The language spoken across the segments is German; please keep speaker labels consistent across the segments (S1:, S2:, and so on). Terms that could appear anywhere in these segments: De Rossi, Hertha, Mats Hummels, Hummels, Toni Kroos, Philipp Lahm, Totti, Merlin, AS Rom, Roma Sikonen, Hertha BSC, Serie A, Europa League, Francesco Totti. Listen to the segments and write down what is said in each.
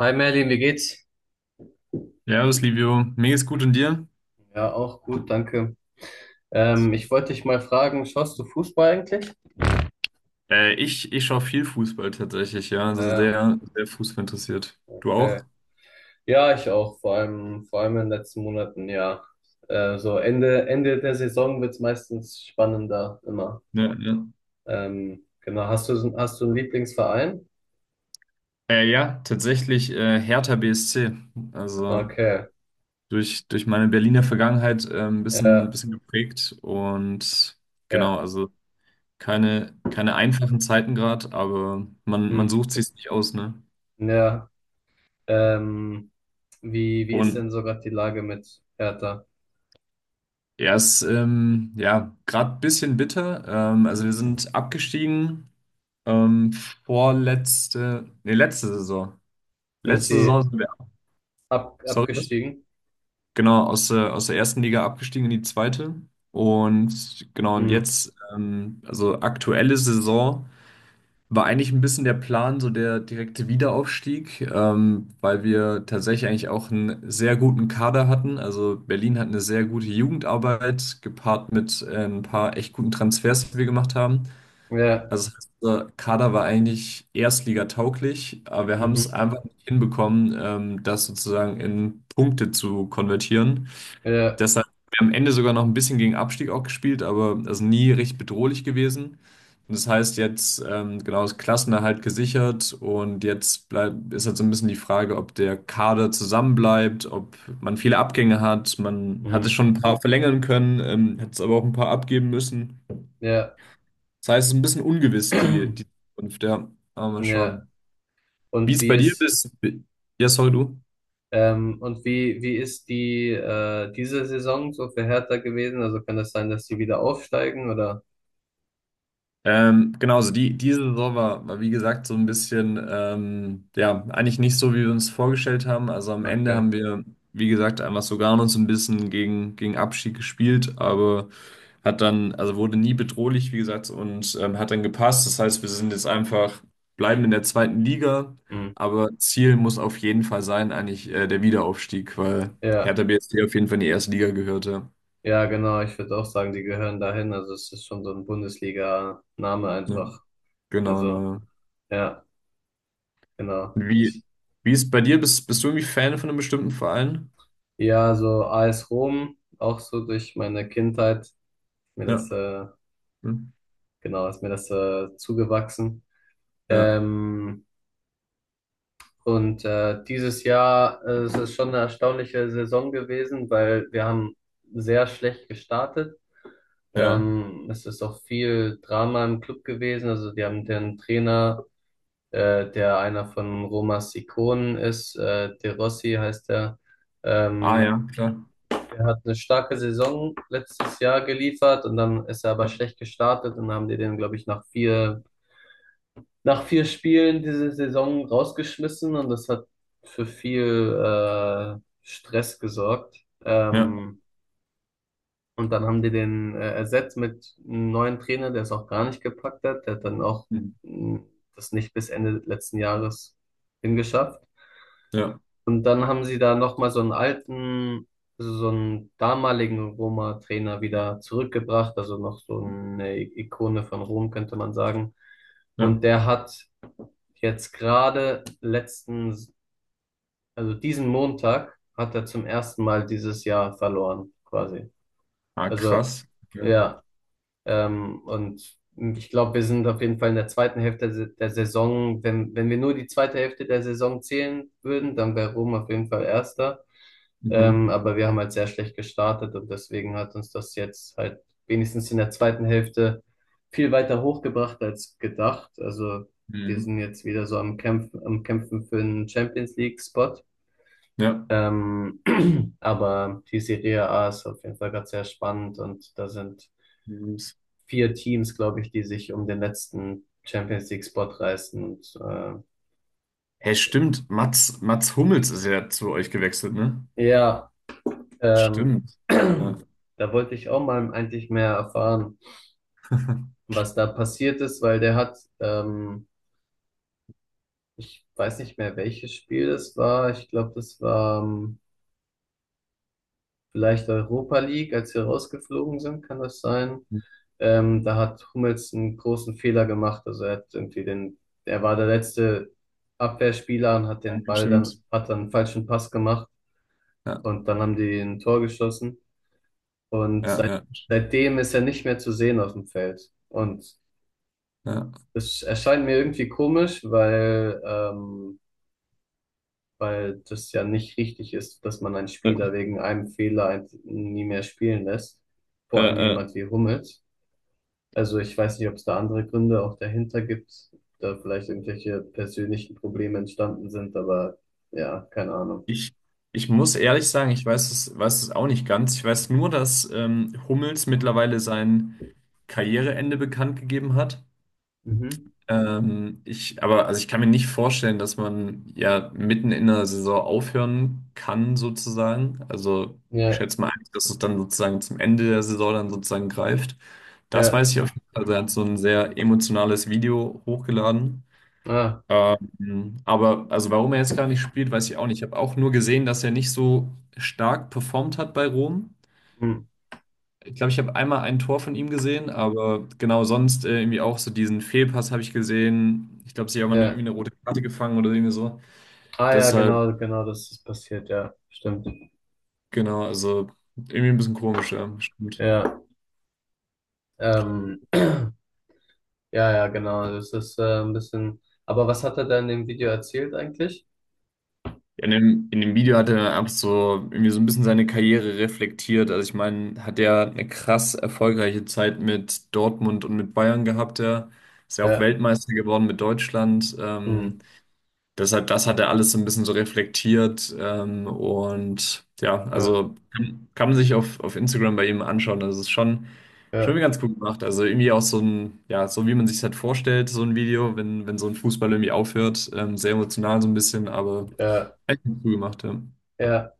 S1: Hi Merlin, wie geht's?
S2: Servus, Livio. Mir geht's gut und dir?
S1: Ja, auch gut, danke. Ich wollte dich mal fragen, schaust du Fußball eigentlich?
S2: Ich schaue viel Fußball tatsächlich, ja.
S1: Ah
S2: Also
S1: ja,
S2: sehr, sehr Fußball interessiert. Du auch?
S1: okay. Ja, ich auch, vor allem in den letzten Monaten, ja. So Ende, Ende der Saison wird's meistens spannender, immer.
S2: Ja, ja.
S1: Genau, hast du einen Lieblingsverein?
S2: Ja, tatsächlich Hertha BSC. Also
S1: Okay,
S2: durch meine Berliner Vergangenheit ein bisschen, ein
S1: ja,
S2: bisschen geprägt. Und
S1: ja,
S2: genau, also keine einfachen Zeiten gerade, aber man
S1: hm,
S2: sucht sich's nicht aus, ne?
S1: ja. Ähm, wie ist
S2: Und
S1: denn sogar die Lage mit Hertha?
S2: er ist ja gerade ein bisschen bitter. Also wir sind abgestiegen, Ähm, vorletzte, nee, letzte Saison.
S1: Sind
S2: Letzte Saison
S1: sie
S2: sind wir, sorry, was?
S1: abgestiegen?
S2: Genau, aus der ersten Liga abgestiegen in die zweite. Und genau, und
S1: Hm,
S2: jetzt, also aktuelle Saison, war eigentlich ein bisschen der Plan, so der direkte Wiederaufstieg, weil wir tatsächlich eigentlich auch einen sehr guten Kader hatten. Also Berlin hat eine sehr gute Jugendarbeit, gepaart mit ein paar echt guten Transfers, die wir gemacht haben.
S1: ja,
S2: Also das heißt, unser Kader war eigentlich erstligatauglich, aber wir haben es
S1: mhm,
S2: einfach nicht hinbekommen, das sozusagen in Punkte zu konvertieren.
S1: ja.
S2: Deshalb haben wir am Ende sogar noch ein bisschen gegen Abstieg auch gespielt, aber also nie richtig bedrohlich gewesen. Und das heißt jetzt genau das Klassenerhalt gesichert und jetzt bleibt ist halt so ein bisschen die Frage, ob der Kader zusammenbleibt, ob man viele Abgänge hat. Man hat es schon ein paar verlängern können, hat es aber auch ein paar abgeben müssen.
S1: Ja,
S2: Das heißt, es ist ein bisschen ungewiss, die Zukunft, ja. Aber mal
S1: ja.
S2: schauen. Wie
S1: Und
S2: es
S1: wie
S2: bei dir
S1: ist,
S2: ist. Ja, sorry, du.
S1: und wie ist diese Saison so für Hertha gewesen? Also kann das sein, dass sie wieder aufsteigen oder?
S2: Genau, also diese Saison war, war, wie gesagt, so ein bisschen, ja, eigentlich nicht so, wie wir uns vorgestellt haben. Also am Ende
S1: Okay.
S2: haben wir, wie gesagt, einfach sogar uns ein bisschen gegen, gegen Abschied gespielt, aber. Hat dann, also wurde nie bedrohlich, wie gesagt, und hat dann gepasst. Das heißt, wir sind jetzt einfach, bleiben in der zweiten Liga,
S1: Hm.
S2: aber Ziel muss auf jeden Fall sein, eigentlich der Wiederaufstieg, weil
S1: Ja,
S2: Hertha BSC auf jeden Fall in die erste Liga gehörte.
S1: ja, genau. Ich würde auch sagen, die gehören dahin. Also es ist schon so ein Bundesliga-Name
S2: Ja. Ja,
S1: einfach.
S2: genau,
S1: Also,
S2: naja.
S1: ja, genau.
S2: Wie, wie ist bei dir? Bist, bist du irgendwie Fan von einem bestimmten Verein?
S1: Ja, so AS Rom, auch so durch meine Kindheit, mir
S2: Ja.
S1: das, äh,
S2: Hm.
S1: genau, ist mir das zugewachsen.
S2: Ja,
S1: Ähm, Und dieses Jahr, es ist schon eine erstaunliche Saison gewesen, weil wir haben sehr schlecht gestartet.
S2: ja.
S1: Es ist auch viel Drama im Club gewesen. Also wir haben den Trainer, der einer von Roma Sikonen ist, De Rossi heißt er.
S2: Ah,
S1: Ähm,
S2: ja, klar.
S1: der hat eine starke Saison letztes Jahr geliefert und dann ist er aber
S2: Ja,
S1: schlecht gestartet und dann haben die den, glaube ich, nach vier Spielen diese Saison rausgeschmissen und das hat für viel Stress gesorgt.
S2: ja,
S1: Ähm, und dann haben die den ersetzt mit einem neuen Trainer, der es auch gar nicht gepackt hat. Der hat dann auch
S2: hm,
S1: mh, das nicht bis Ende letzten Jahres hingeschafft.
S2: ja,
S1: Und dann haben sie da nochmal so einen damaligen Roma-Trainer wieder zurückgebracht, also noch so eine Ikone von Rom, könnte man sagen.
S2: ja.
S1: Und der hat jetzt gerade also diesen Montag hat er zum ersten Mal dieses Jahr verloren, quasi.
S2: Ah,
S1: Also,
S2: krass. Ja.
S1: ja, und ich glaube, wir sind auf jeden Fall in der zweiten Hälfte der Saison. Wenn wir nur die zweite Hälfte der Saison zählen würden, dann wäre Rom auf jeden Fall Erster. Ähm,
S2: Mhm.
S1: aber wir haben halt sehr schlecht gestartet und deswegen hat uns das jetzt halt wenigstens in der zweiten Hälfte viel weiter hochgebracht als gedacht. Also wir sind
S2: Mhm.
S1: jetzt wieder so am Kämpfen für einen Champions League-Spot.
S2: Ja.
S1: Ähm, aber die Serie A ist auf jeden Fall gerade sehr spannend und da sind
S2: Mhm.
S1: vier Teams, glaube ich, die sich um den letzten Champions League-Spot reißen. Und
S2: Hey, stimmt, Mats, Mats Hummels ist ja zu euch gewechselt, ne?
S1: ja, ähm,
S2: Stimmt. Ja,
S1: da wollte ich auch mal eigentlich mehr erfahren, was da passiert ist, weil der hat, ich weiß nicht mehr, welches Spiel das war. Ich glaube, das war vielleicht Europa League, als wir rausgeflogen sind, kann das sein? Da hat Hummels einen großen Fehler gemacht. Also er hat irgendwie er war der letzte Abwehrspieler und
S2: ja stimmt.
S1: hat dann einen falschen Pass gemacht
S2: Ja,
S1: und dann haben die ein Tor geschossen. Und
S2: ja, ja,
S1: seitdem ist er nicht mehr zu sehen auf dem Feld. Und
S2: ja.
S1: das erscheint mir irgendwie komisch, weil das ja nicht richtig ist, dass man einen
S2: Äh,
S1: Spieler wegen einem Fehler nie mehr spielen lässt.
S2: äh,
S1: Vor allem
S2: äh,
S1: jemand wie Hummels. Also ich weiß nicht, ob es da andere Gründe auch dahinter gibt, da vielleicht irgendwelche persönlichen Probleme entstanden sind, aber ja, keine Ahnung.
S2: ich, ich muss ehrlich sagen, ich weiß es auch nicht ganz. Ich weiß nur, dass Hummels mittlerweile sein Karriereende bekannt gegeben hat.
S1: Mhm.
S2: Aber also ich kann mir nicht vorstellen, dass man ja mitten in der Saison aufhören kann, sozusagen. Also ich
S1: Ja,
S2: schätze mal, dass es dann sozusagen zum Ende der Saison dann sozusagen greift. Das
S1: ja,
S2: weiß ich auf jeden Fall. Also er hat so ein sehr emotionales Video hochgeladen.
S1: ah,
S2: Aber also warum er jetzt gar nicht spielt, weiß ich auch nicht. Ich habe auch nur gesehen, dass er nicht so stark performt hat bei Rom.
S1: hm,
S2: Ich glaube, ich habe einmal ein Tor von ihm gesehen, aber genau sonst irgendwie auch so diesen Fehlpass habe ich gesehen. Ich glaube, sie haben irgendwie
S1: ja.
S2: eine rote Karte gefangen oder irgendwie so.
S1: Ah ja,
S2: Deshalb,
S1: genau, genau, das ist passiert, ja, stimmt.
S2: genau, also irgendwie ein bisschen komisch, ja, stimmt.
S1: Ja, ähm, ja, ja, genau, das ist ein bisschen. Aber was hat er da in dem Video erzählt eigentlich?
S2: In dem Video hat er ab so irgendwie so ein bisschen seine Karriere reflektiert. Also ich meine, hat er eine krass erfolgreiche Zeit mit Dortmund und mit Bayern gehabt, ja. Ist ja auch
S1: Ja,
S2: Weltmeister geworden mit Deutschland.
S1: hm,
S2: Deshalb, das hat er alles so ein bisschen so reflektiert. Und ja,
S1: ja,
S2: also kann man sich auf Instagram bei ihm anschauen. Also es ist schon, schon
S1: ja.
S2: ganz gut gemacht. Also irgendwie auch so ein, ja, so wie man sich halt vorstellt, so ein Video, wenn, wenn so ein Fußball irgendwie aufhört. Sehr emotional so ein bisschen, aber
S1: Ja,
S2: echt gut gemacht, ja.
S1: ja.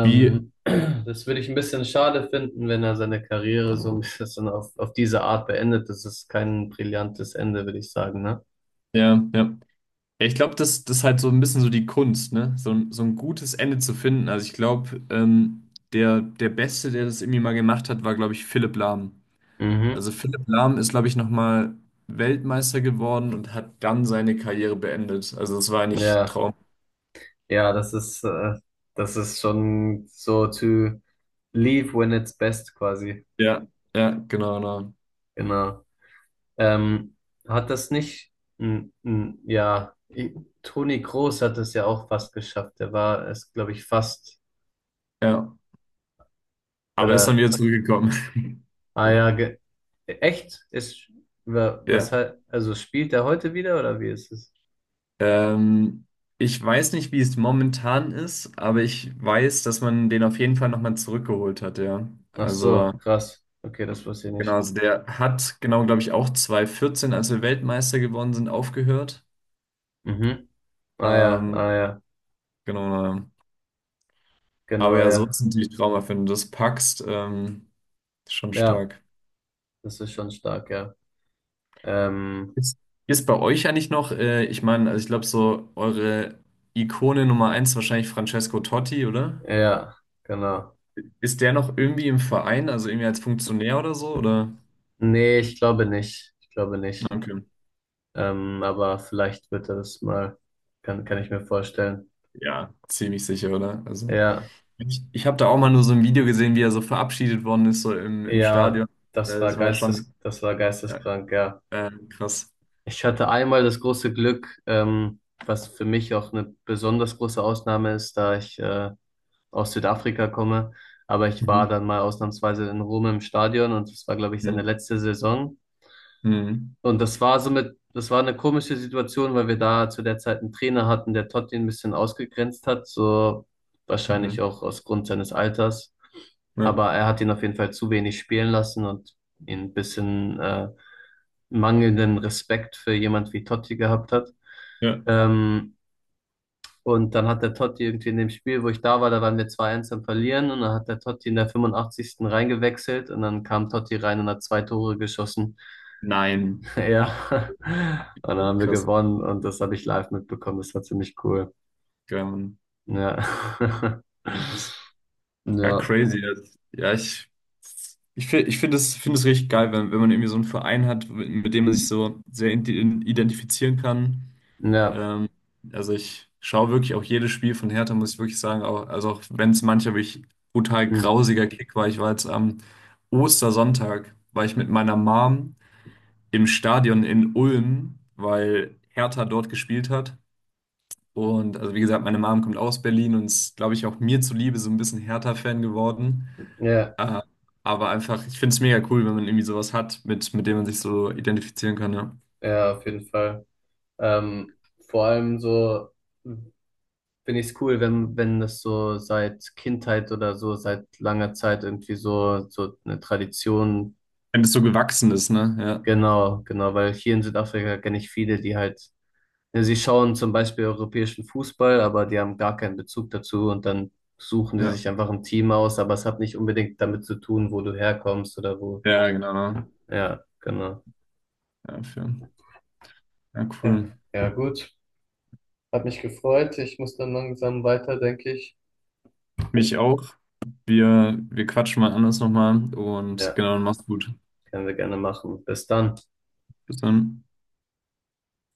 S2: Wie,
S1: Das würde ich ein bisschen schade finden, wenn er seine Karriere so ein bisschen so auf diese Art beendet. Das ist kein brillantes Ende, würde ich sagen, ne?
S2: ja, ja. Ja, ich glaube, das ist halt so ein bisschen so die Kunst, ne? So ein gutes Ende zu finden. Also ich glaube, der Beste, der das irgendwie mal gemacht hat, war, glaube ich, Philipp Lahm.
S1: Mhm.
S2: Also Philipp Lahm ist, glaube ich, nochmal Weltmeister geworden und hat dann seine Karriere beendet. Also das war eigentlich
S1: Ja,
S2: Traum.
S1: ja, das ist schon so to leave when it's best quasi.
S2: Ja, ja, genau, genau.
S1: Genau. Ähm, hat das nicht, ja, Toni Kroos hat das ja auch fast geschafft. Der war es, glaube ich, fast,
S2: Ja. Aber er ist dann
S1: oder.
S2: wieder zurückgekommen.
S1: Ah ja, ge echt? Was
S2: Ja.
S1: halt, also spielt er heute wieder oder wie ist es?
S2: Ähm, Ich weiß nicht, wie es momentan ist, aber ich weiß, dass man den auf jeden Fall nochmal zurückgeholt hat, ja.
S1: Ach so,
S2: Also,
S1: krass. Okay, das wusste ich
S2: genau,
S1: nicht.
S2: also der hat, genau, glaube ich, auch 2014, als wir Weltmeister geworden sind, aufgehört.
S1: Mhm. Ah ja,
S2: Ähm,
S1: ah ja,
S2: genau, ja. Aber
S1: genau,
S2: ja, so
S1: ja.
S2: ist es natürlich Traum, wenn du das packst. Schon
S1: Ja,
S2: stark.
S1: das ist schon stark, ja. Ähm,
S2: Ist, ist bei euch eigentlich noch, ich meine, also ich glaube, so eure Ikone Nummer eins ist wahrscheinlich Francesco Totti, oder?
S1: ja, genau.
S2: Ist der noch irgendwie im Verein, also irgendwie als Funktionär oder so, oder?
S1: Nee, ich glaube nicht. Ich glaube nicht.
S2: Okay.
S1: Aber vielleicht wird er das mal, kann ich mir vorstellen.
S2: Ja, ziemlich sicher, oder? Also,
S1: Ja,
S2: ich habe da auch mal nur so ein Video gesehen, wie er so verabschiedet worden ist, so im, im
S1: ja,
S2: Stadion. Das war schon
S1: das war
S2: äh,
S1: geisteskrank, ja.
S2: krass.
S1: Ich hatte einmal das große Glück, was für mich auch eine besonders große Ausnahme ist, da ich aus Südafrika komme. Aber ich
S2: Mhm.
S1: war dann mal ausnahmsweise in Rom im Stadion und das war, glaube ich, seine
S2: Mhm.
S1: letzte Saison.
S2: Mhm.
S1: Und das war eine komische Situation, weil wir da zu der Zeit einen Trainer hatten, der Totti ein bisschen ausgegrenzt hat, so wahrscheinlich
S2: Mhm.
S1: auch aus Grund seines Alters.
S2: Ja.
S1: Aber er hat ihn auf jeden Fall zu wenig spielen lassen und ihn ein bisschen mangelnden Respekt für jemand wie Totti gehabt hat.
S2: Ja.
S1: Ähm, und dann hat der Totti irgendwie in dem Spiel, wo ich da war, da waren wir zwei 1 am Verlieren und dann hat der Totti in der 85. reingewechselt und dann kam Totti rein und hat zwei Tore geschossen.
S2: Nein.
S1: Ja, und dann
S2: Ja,
S1: haben wir
S2: krass.
S1: gewonnen und das habe ich live mitbekommen. Das war ziemlich cool.
S2: Geil, Mann.
S1: Ja,
S2: Ja, das- ja,
S1: ja,
S2: crazy. Ja, ich, fi- ich finde es richtig geil, wenn, wenn man irgendwie so einen Verein hat, mit dem man sich so sehr ident- identifizieren kann.
S1: ja,
S2: Ähm, also ich schaue wirklich auch jedes Spiel von Hertha, muss ich wirklich sagen. Auch, also auch wenn es manchmal wirklich brutal
S1: mm.
S2: grausiger Kick war. Ich war jetzt am Ostersonntag, war ich mit meiner Mom im Stadion in Ulm, weil Hertha dort gespielt hat. Und also wie gesagt, meine Mom kommt aus Berlin und ist, glaube ich, auch mir zuliebe so ein bisschen Hertha-Fan geworden.
S1: Ja,
S2: Äh, aber einfach, ich finde es mega cool, wenn man irgendwie sowas hat, mit dem man sich so identifizieren kann, ja.
S1: ja, auf jeden Fall. Ähm, vor allem so finde ich es cool, wenn das so seit Kindheit oder so, seit langer Zeit irgendwie so eine Tradition,
S2: Wenn das so gewachsen ist, ne?
S1: genau, genau, weil hier in Südafrika kenne ich viele, die halt, ja, sie schauen zum Beispiel europäischen Fußball, aber die haben gar keinen Bezug dazu und dann suchen die
S2: Ja, ja.
S1: sich einfach ein Team aus, aber es hat nicht unbedingt damit zu tun, wo du herkommst oder wo,
S2: Ja, genau.
S1: ja, genau.
S2: Ja, für, ja,
S1: Ja,
S2: cool.
S1: ja, gut. Hat mich gefreut. Ich muss dann langsam weiter, denke ich.
S2: Mich auch. Wir quatschen mal anders nochmal und
S1: Ja.
S2: genau, mach's gut.
S1: Können wir gerne machen. Bis dann.
S2: Bis dann.